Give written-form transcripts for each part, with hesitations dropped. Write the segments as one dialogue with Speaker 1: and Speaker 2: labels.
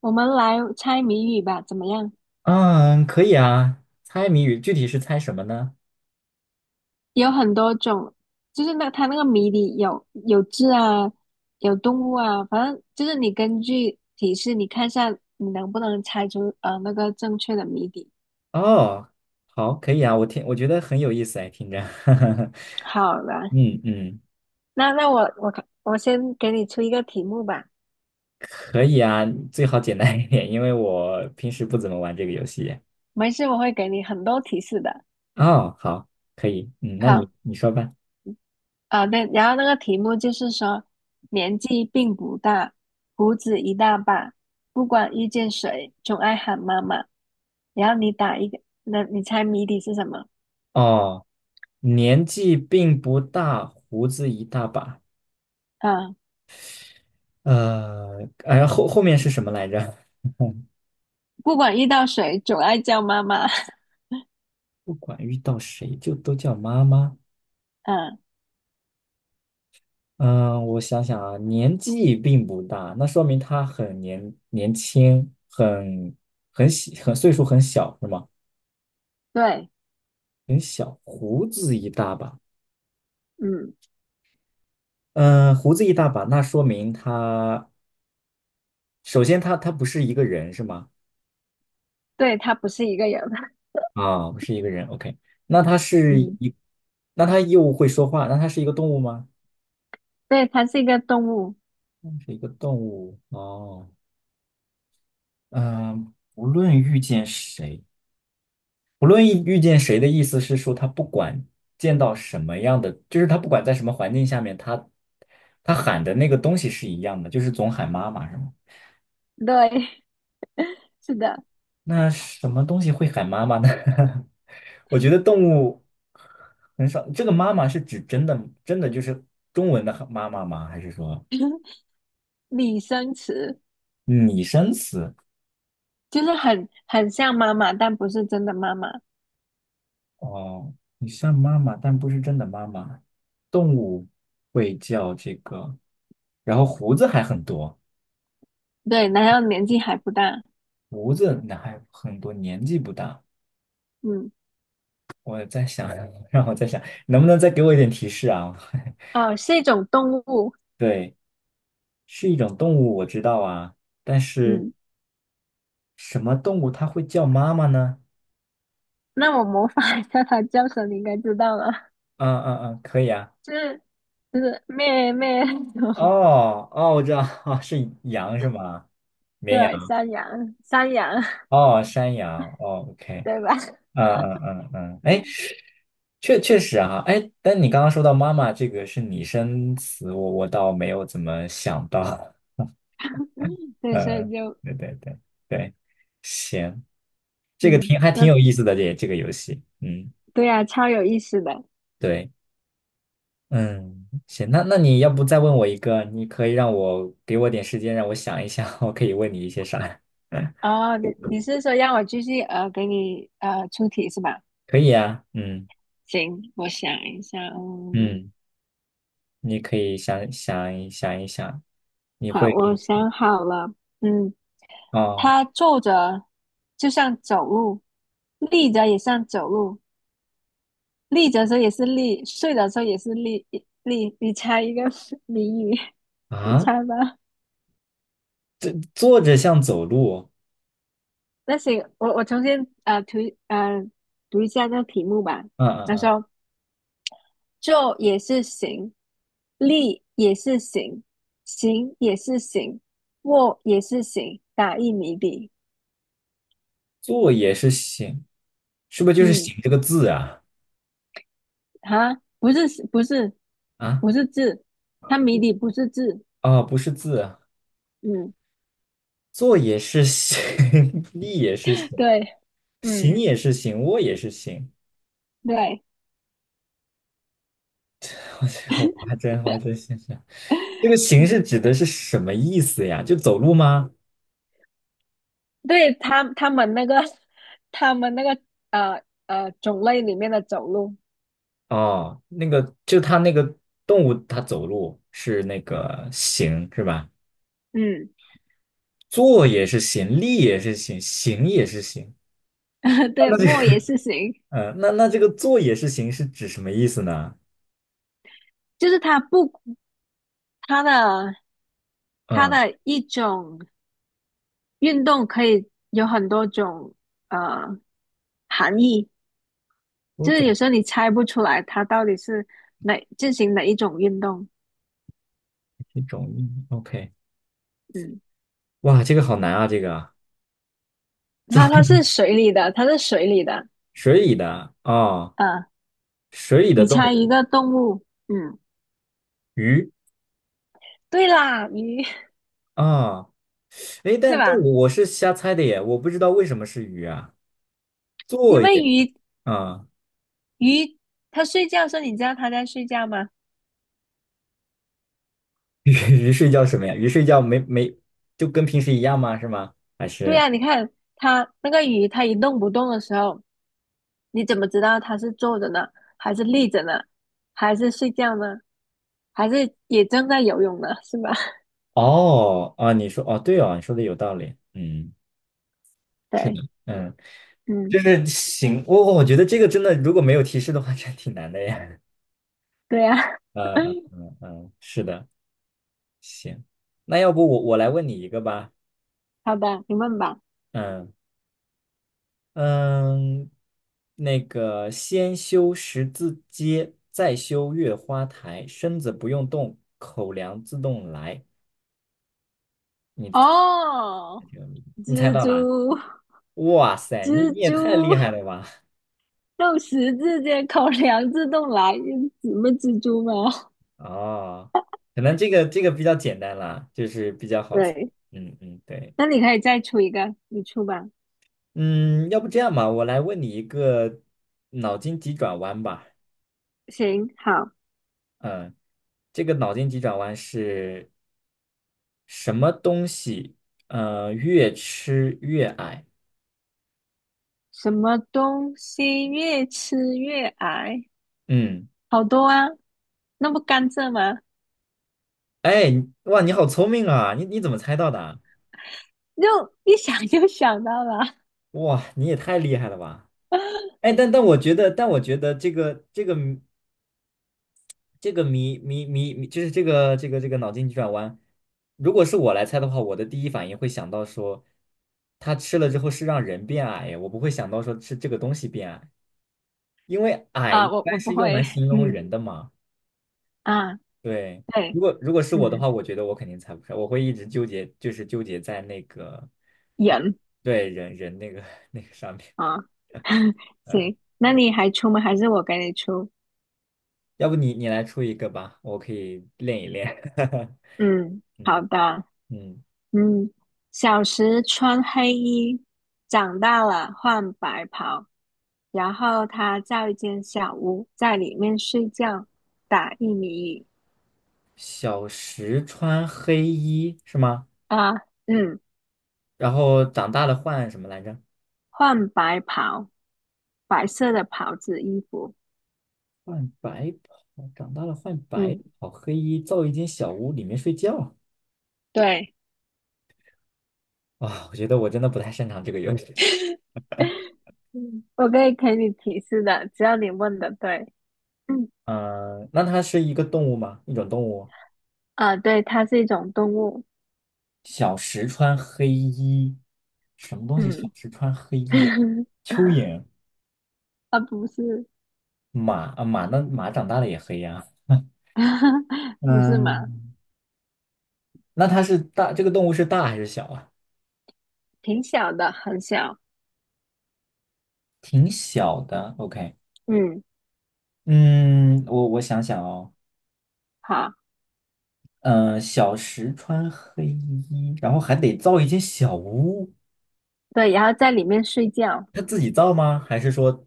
Speaker 1: 我们来猜谜语吧，怎么样？
Speaker 2: 嗯，可以啊。猜谜语具体是猜什么呢？
Speaker 1: 有很多种，就是那它那个谜底有字啊，有动物啊，反正就是你根据提示，你看一下你能不能猜出那个正确的谜底。
Speaker 2: 哦，好，可以啊。我觉得很有意思哎，听着。
Speaker 1: 好了，
Speaker 2: 嗯嗯，
Speaker 1: 那我看我先给你出一个题目吧，
Speaker 2: 可以啊，最好简单一点，因为我平时不怎么玩这个游戏。
Speaker 1: 没事，我会给你很多提示的。
Speaker 2: 哦，好，可以。嗯，那
Speaker 1: 好，
Speaker 2: 你说吧。
Speaker 1: 啊，对，然后那个题目就是说，年纪并不大，胡子一大把，不管遇见谁，总爱喊妈妈。然后你打一个，那你猜谜底是什么？
Speaker 2: 哦，年纪并不大，胡子一大把。
Speaker 1: 啊，
Speaker 2: 哎呀，后面是什么来着？
Speaker 1: 不管遇到谁，总爱叫妈妈。
Speaker 2: 不管遇到谁就都叫妈妈。
Speaker 1: 嗯，
Speaker 2: 嗯，我想想啊，年纪并不大，那说明他很年轻，很很小，很岁数很小，是吗？
Speaker 1: 对，
Speaker 2: 很小，胡子一大把。
Speaker 1: 嗯，
Speaker 2: 嗯，胡子一大把，那说明他首先他不是一个人是吗？
Speaker 1: 对，它不是一个人，
Speaker 2: 啊，不是一个人，OK。那他 是
Speaker 1: 嗯，
Speaker 2: 一，那他又会说话，那他是一个动物吗？
Speaker 1: 对，它是一个动物，
Speaker 2: 是一个动物哦。嗯，无论遇见谁。不论遇见谁的意思是说，他不管见到什么样的，就是他不管在什么环境下面，他他喊的那个东西是一样的，就是总喊妈妈，是吗？
Speaker 1: 对，是的，
Speaker 2: 那什么东西会喊妈妈呢？我觉得动物很少。这个妈妈是指真的真的就是中文的妈妈吗？还是说
Speaker 1: 拟声词
Speaker 2: 拟声词？
Speaker 1: 就是很像妈妈，但不是真的妈妈。
Speaker 2: 哦，你像妈妈，但不是真的妈妈。动物会叫这个，然后胡子还很多。
Speaker 1: 对，然后年纪还不大，
Speaker 2: 胡子那还很多，年纪不大。
Speaker 1: 嗯，
Speaker 2: 我在想，让我在想，能不能再给我一点提示啊？
Speaker 1: 哦，是一种动物。
Speaker 2: 对，是一种动物，我知道啊，但是
Speaker 1: 嗯，
Speaker 2: 什么动物它会叫妈妈呢？
Speaker 1: 那我模仿一下它叫声，你应该知道了，
Speaker 2: 嗯嗯嗯，可以啊。
Speaker 1: 就是就是咩咩，
Speaker 2: 哦哦，我知道，哦，是羊是吗？绵
Speaker 1: 对，
Speaker 2: 羊。
Speaker 1: 山羊山羊，
Speaker 2: 哦，山羊。哦，OK。
Speaker 1: 对吧？
Speaker 2: 嗯嗯嗯嗯，哎，确实啊，哎，但你刚刚说到妈妈这个是拟声词，我倒没有怎么想到。
Speaker 1: 对，所
Speaker 2: 呃，
Speaker 1: 以就
Speaker 2: 对对对对，行，这个
Speaker 1: 嗯，
Speaker 2: 挺还挺
Speaker 1: 那
Speaker 2: 有意思的这个游戏，嗯，
Speaker 1: 对呀，超有意思的。
Speaker 2: 对，嗯，行，那那你要不再问我一个，你可以让我给我点时间让我想一想，我可以问你一些啥？
Speaker 1: 哦，你是说让我继续给你出题是吧？
Speaker 2: 可以啊，嗯
Speaker 1: 行，我想一下，嗯，
Speaker 2: 嗯，你可以想一想，你会
Speaker 1: 好，我想好了，嗯，
Speaker 2: 哦
Speaker 1: 它坐着就像走路，立着也像走路，立着的时候也是立，睡着的时候也是立。你猜一个 谜语，你
Speaker 2: 啊，
Speaker 1: 猜吧。
Speaker 2: 这坐着像走路，
Speaker 1: 那行，我重新啊读呃读一下那个题目吧。
Speaker 2: 嗯嗯
Speaker 1: 他
Speaker 2: 嗯，
Speaker 1: 说：坐也是行，立也是行，行也是行，卧也是行。打一谜底，
Speaker 2: 坐也是行，是不是就是
Speaker 1: 嗯，
Speaker 2: 行这个字啊？
Speaker 1: 哈，不是，不是，
Speaker 2: 啊，
Speaker 1: 不是字，它谜底不是字，
Speaker 2: 哦，不是字，
Speaker 1: 嗯，
Speaker 2: 坐也是行，立也是行，
Speaker 1: 对，嗯
Speaker 2: 行也是行，卧也是行。
Speaker 1: 对，
Speaker 2: 我这个我还真我还真想想，这个行是
Speaker 1: 嗯。
Speaker 2: 指的是什么意思呀？就走路吗？
Speaker 1: 对他们那个 他们那个呃种类里面的走路，
Speaker 2: 哦，那个就它那个动物它走路是那个行是吧？
Speaker 1: 嗯，
Speaker 2: 坐也是行，立也是行，行也是行。
Speaker 1: 对，
Speaker 2: 那这
Speaker 1: 莫言
Speaker 2: 个，
Speaker 1: 是行，
Speaker 2: 嗯，那那这个坐也是行是指什么意思呢？
Speaker 1: 就是它不它的它
Speaker 2: 嗯，
Speaker 1: 的一种运动可以有很多种呃含义，
Speaker 2: 多
Speaker 1: 就是有
Speaker 2: 种
Speaker 1: 时候你猜不出来它到底是哪进行哪一种运动，
Speaker 2: 一种意义。OK,
Speaker 1: 嗯，
Speaker 2: 哇，这个好难啊，这个啊
Speaker 1: 它
Speaker 2: 坐
Speaker 1: 是水里的，它是水里的，
Speaker 2: 水里的啊，
Speaker 1: 呃，
Speaker 2: 水里的
Speaker 1: 你
Speaker 2: 动
Speaker 1: 猜一
Speaker 2: 物，
Speaker 1: 个动物，嗯，
Speaker 2: 鱼
Speaker 1: 对啦，鱼，
Speaker 2: 啊，诶，
Speaker 1: 对
Speaker 2: 但动
Speaker 1: 吧？
Speaker 2: 物我是瞎猜的耶，我不知道为什么是鱼啊，
Speaker 1: 因
Speaker 2: 作
Speaker 1: 为
Speaker 2: 业
Speaker 1: 鱼
Speaker 2: 啊，
Speaker 1: 鱼它睡觉的时候，你知道它在睡觉吗？
Speaker 2: 鱼睡觉什么呀？鱼睡觉没没就跟平时一样吗？是吗？还
Speaker 1: 对
Speaker 2: 是
Speaker 1: 呀，你看它那个鱼，它一动不动的时候，你怎么知道它是坐着呢，还是立着呢，还是睡觉呢，还是也正在游泳呢，是吧？
Speaker 2: 哦啊？你说哦，对哦，你说的有道理，嗯，是的，
Speaker 1: 对，
Speaker 2: 嗯，
Speaker 1: 嗯，
Speaker 2: 就是行，我觉得这个真的如果没有提示的话，真挺难的耶。
Speaker 1: 对啊。
Speaker 2: 嗯嗯 嗯嗯，是的，行，那要不我来问你一个吧，
Speaker 1: 好的，你问吧。
Speaker 2: 嗯。嗯，那个先修十字街，再修月花台，身子不用动，口粮自动来。
Speaker 1: 哦，
Speaker 2: 你猜
Speaker 1: 蜘
Speaker 2: 到
Speaker 1: 蛛，
Speaker 2: 啦？哇塞，你
Speaker 1: 蜘
Speaker 2: 你也
Speaker 1: 蛛，
Speaker 2: 太厉害了吧！
Speaker 1: 肉食之间口粮自动来，什么蜘蛛吗？
Speaker 2: 哦，可能这个比较简单啦，就是比较 好猜。
Speaker 1: 对，
Speaker 2: 嗯嗯，对，
Speaker 1: 那你可以再出一个，你出吧。
Speaker 2: 嗯，要不这样吧，我来问你一个脑筋急转弯吧。
Speaker 1: 行，好。
Speaker 2: 嗯，这个脑筋急转弯是什么东西？呃，越吃越矮。
Speaker 1: 什么东西越吃越矮？
Speaker 2: 嗯。
Speaker 1: 好多啊，那不甘蔗吗？
Speaker 2: 哎，你哇，你好聪明啊！你怎么猜到的啊
Speaker 1: 就一想就想到了
Speaker 2: 哇，你也太厉害了吧！哎，但我觉得，但我觉得这个这个谜这个谜，就是这个脑筋急转弯，如果是我来猜的话，我的第一反应会想到说，他吃了之后是让人变矮呀，我不会想到说是这个东西变矮，因为矮一
Speaker 1: 啊，我
Speaker 2: 般
Speaker 1: 我不
Speaker 2: 是用
Speaker 1: 会，
Speaker 2: 来形容
Speaker 1: 嗯
Speaker 2: 人的嘛。
Speaker 1: 啊，
Speaker 2: 对，如
Speaker 1: 对，
Speaker 2: 果如果是我的
Speaker 1: 嗯，
Speaker 2: 话，我觉得我肯定猜不出来，我会一直纠结，就是纠结在那个
Speaker 1: 人
Speaker 2: 对人那个 那个上面。
Speaker 1: 啊，
Speaker 2: 嗯，
Speaker 1: 行，那
Speaker 2: 对，
Speaker 1: 你还出吗？还是我给你出？
Speaker 2: 要不你来出一个吧，我可以练一练。
Speaker 1: 嗯，好
Speaker 2: 嗯
Speaker 1: 的，
Speaker 2: 嗯，
Speaker 1: 嗯，小时穿黑衣，长大了换白袍，然后他造一间小屋，在里面睡觉，打一米一。
Speaker 2: 小时穿黑衣是吗？
Speaker 1: 啊，嗯，
Speaker 2: 然后长大了换什么来着？
Speaker 1: 换白袍，白色的袍子衣服。
Speaker 2: 换白袍，长大了换白
Speaker 1: 嗯，
Speaker 2: 袍，黑衣造一间小屋，里面睡觉。
Speaker 1: 对，
Speaker 2: 啊、我觉得我真的不太擅长这个游戏 嗯，
Speaker 1: 我可以给你提示的，只要你问的对。嗯，
Speaker 2: 呃那它是一个动物吗？一种动物？
Speaker 1: 啊，对，它是一种动物。
Speaker 2: 小时穿黑衣，什么东西？小
Speaker 1: 嗯，
Speaker 2: 时穿黑衣啊？蚯蚓、
Speaker 1: 啊，不是，
Speaker 2: 马啊，马那马长大了也黑呀、
Speaker 1: 不是嘛，
Speaker 2: 嗯，那它是大，这个动物是大还是小啊？
Speaker 1: 挺小的，很小。
Speaker 2: 挺小的，OK。
Speaker 1: 嗯，
Speaker 2: 嗯，我想想哦，
Speaker 1: 好，
Speaker 2: 嗯、小时穿黑衣，然后还得造一间小屋，
Speaker 1: 对，然后在里面睡觉。
Speaker 2: 他自己造吗？还是说，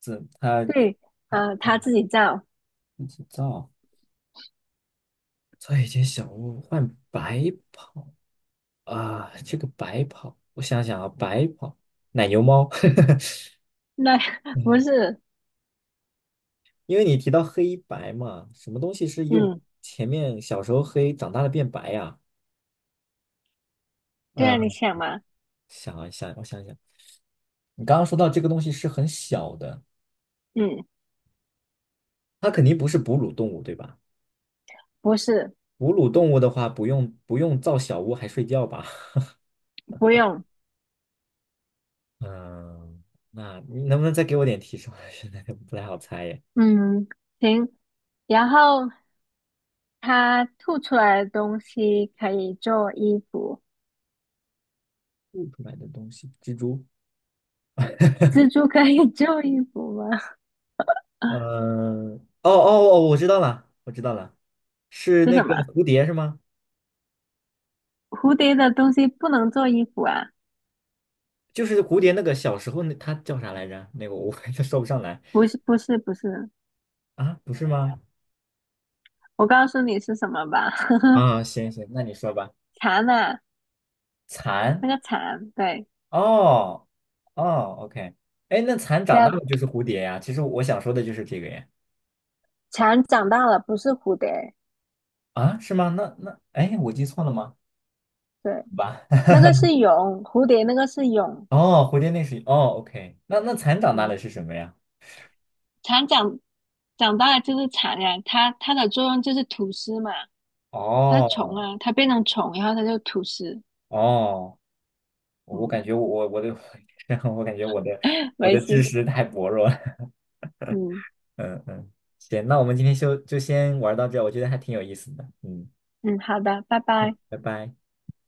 Speaker 2: 怎他
Speaker 1: 对，
Speaker 2: 他
Speaker 1: 它自己造。
Speaker 2: 自己造，造一间小屋换白跑啊？这个白跑，我想想啊，白跑奶牛猫，
Speaker 1: 那 不是，
Speaker 2: 因为你提到黑白嘛，什么东西是又
Speaker 1: 嗯，
Speaker 2: 前面小时候黑，长大了变白呀、
Speaker 1: 对啊，你
Speaker 2: 啊。
Speaker 1: 想嘛，
Speaker 2: 想一想，我想一想，你刚刚说到这个东西是很小的，
Speaker 1: 嗯，
Speaker 2: 它肯定不是哺乳动物，对吧？
Speaker 1: 不是，
Speaker 2: 哺乳动物的话，不用造小屋还睡觉吧？
Speaker 1: 不用，
Speaker 2: 嗯，那你能不能再给我点提示？我现在不太好猜耶。
Speaker 1: 嗯，行。然后它吐出来的东西可以做衣服，
Speaker 2: 吐出来的东西，蜘蛛。
Speaker 1: 蜘蛛可以 做衣服吗？
Speaker 2: 嗯，哦哦哦，我知道了，我知道了，是
Speaker 1: 是
Speaker 2: 那
Speaker 1: 什
Speaker 2: 个
Speaker 1: 么？
Speaker 2: 蝴蝶是吗？
Speaker 1: 蝴蝶的东西不能做衣服啊？
Speaker 2: 就是蝴蝶那个小时候那它叫啥来着？那个我 就说不上来
Speaker 1: 不是，不是，不是。
Speaker 2: 啊，不是吗？
Speaker 1: 我告诉你是什么吧，
Speaker 2: 啊，行行，那你说吧。
Speaker 1: 蚕啊，
Speaker 2: 蚕。
Speaker 1: 那个蚕，对，
Speaker 2: 哦哦，OK,哎，那蚕
Speaker 1: 对
Speaker 2: 长大
Speaker 1: 啊，
Speaker 2: 了就是蝴蝶呀。其实我想说的就是这个呀。
Speaker 1: 蝉长大了，不是蝴蝶，
Speaker 2: 啊，是吗？那那，哎，我记错了吗？
Speaker 1: 对，
Speaker 2: 好吧。
Speaker 1: 那个是蛹，蝴蝶那个是蛹，
Speaker 2: 哦，蝴蝶那是哦，OK。那那蚕长大了
Speaker 1: 嗯，
Speaker 2: 是什么呀？
Speaker 1: 蝉长大了就是蚕呀，它的作用就是吐丝嘛，它是虫
Speaker 2: 哦
Speaker 1: 啊，它变成虫，然后它就吐丝，
Speaker 2: 哦，我
Speaker 1: 嗯。
Speaker 2: 感觉我的 我感觉我的 我
Speaker 1: 没
Speaker 2: 的
Speaker 1: 事，
Speaker 2: 知识太薄弱了。
Speaker 1: 嗯
Speaker 2: 嗯嗯，行，那我们今天就就先玩到这儿我觉得还挺有意思的。嗯，
Speaker 1: 嗯，好的，拜拜。
Speaker 2: 拜拜。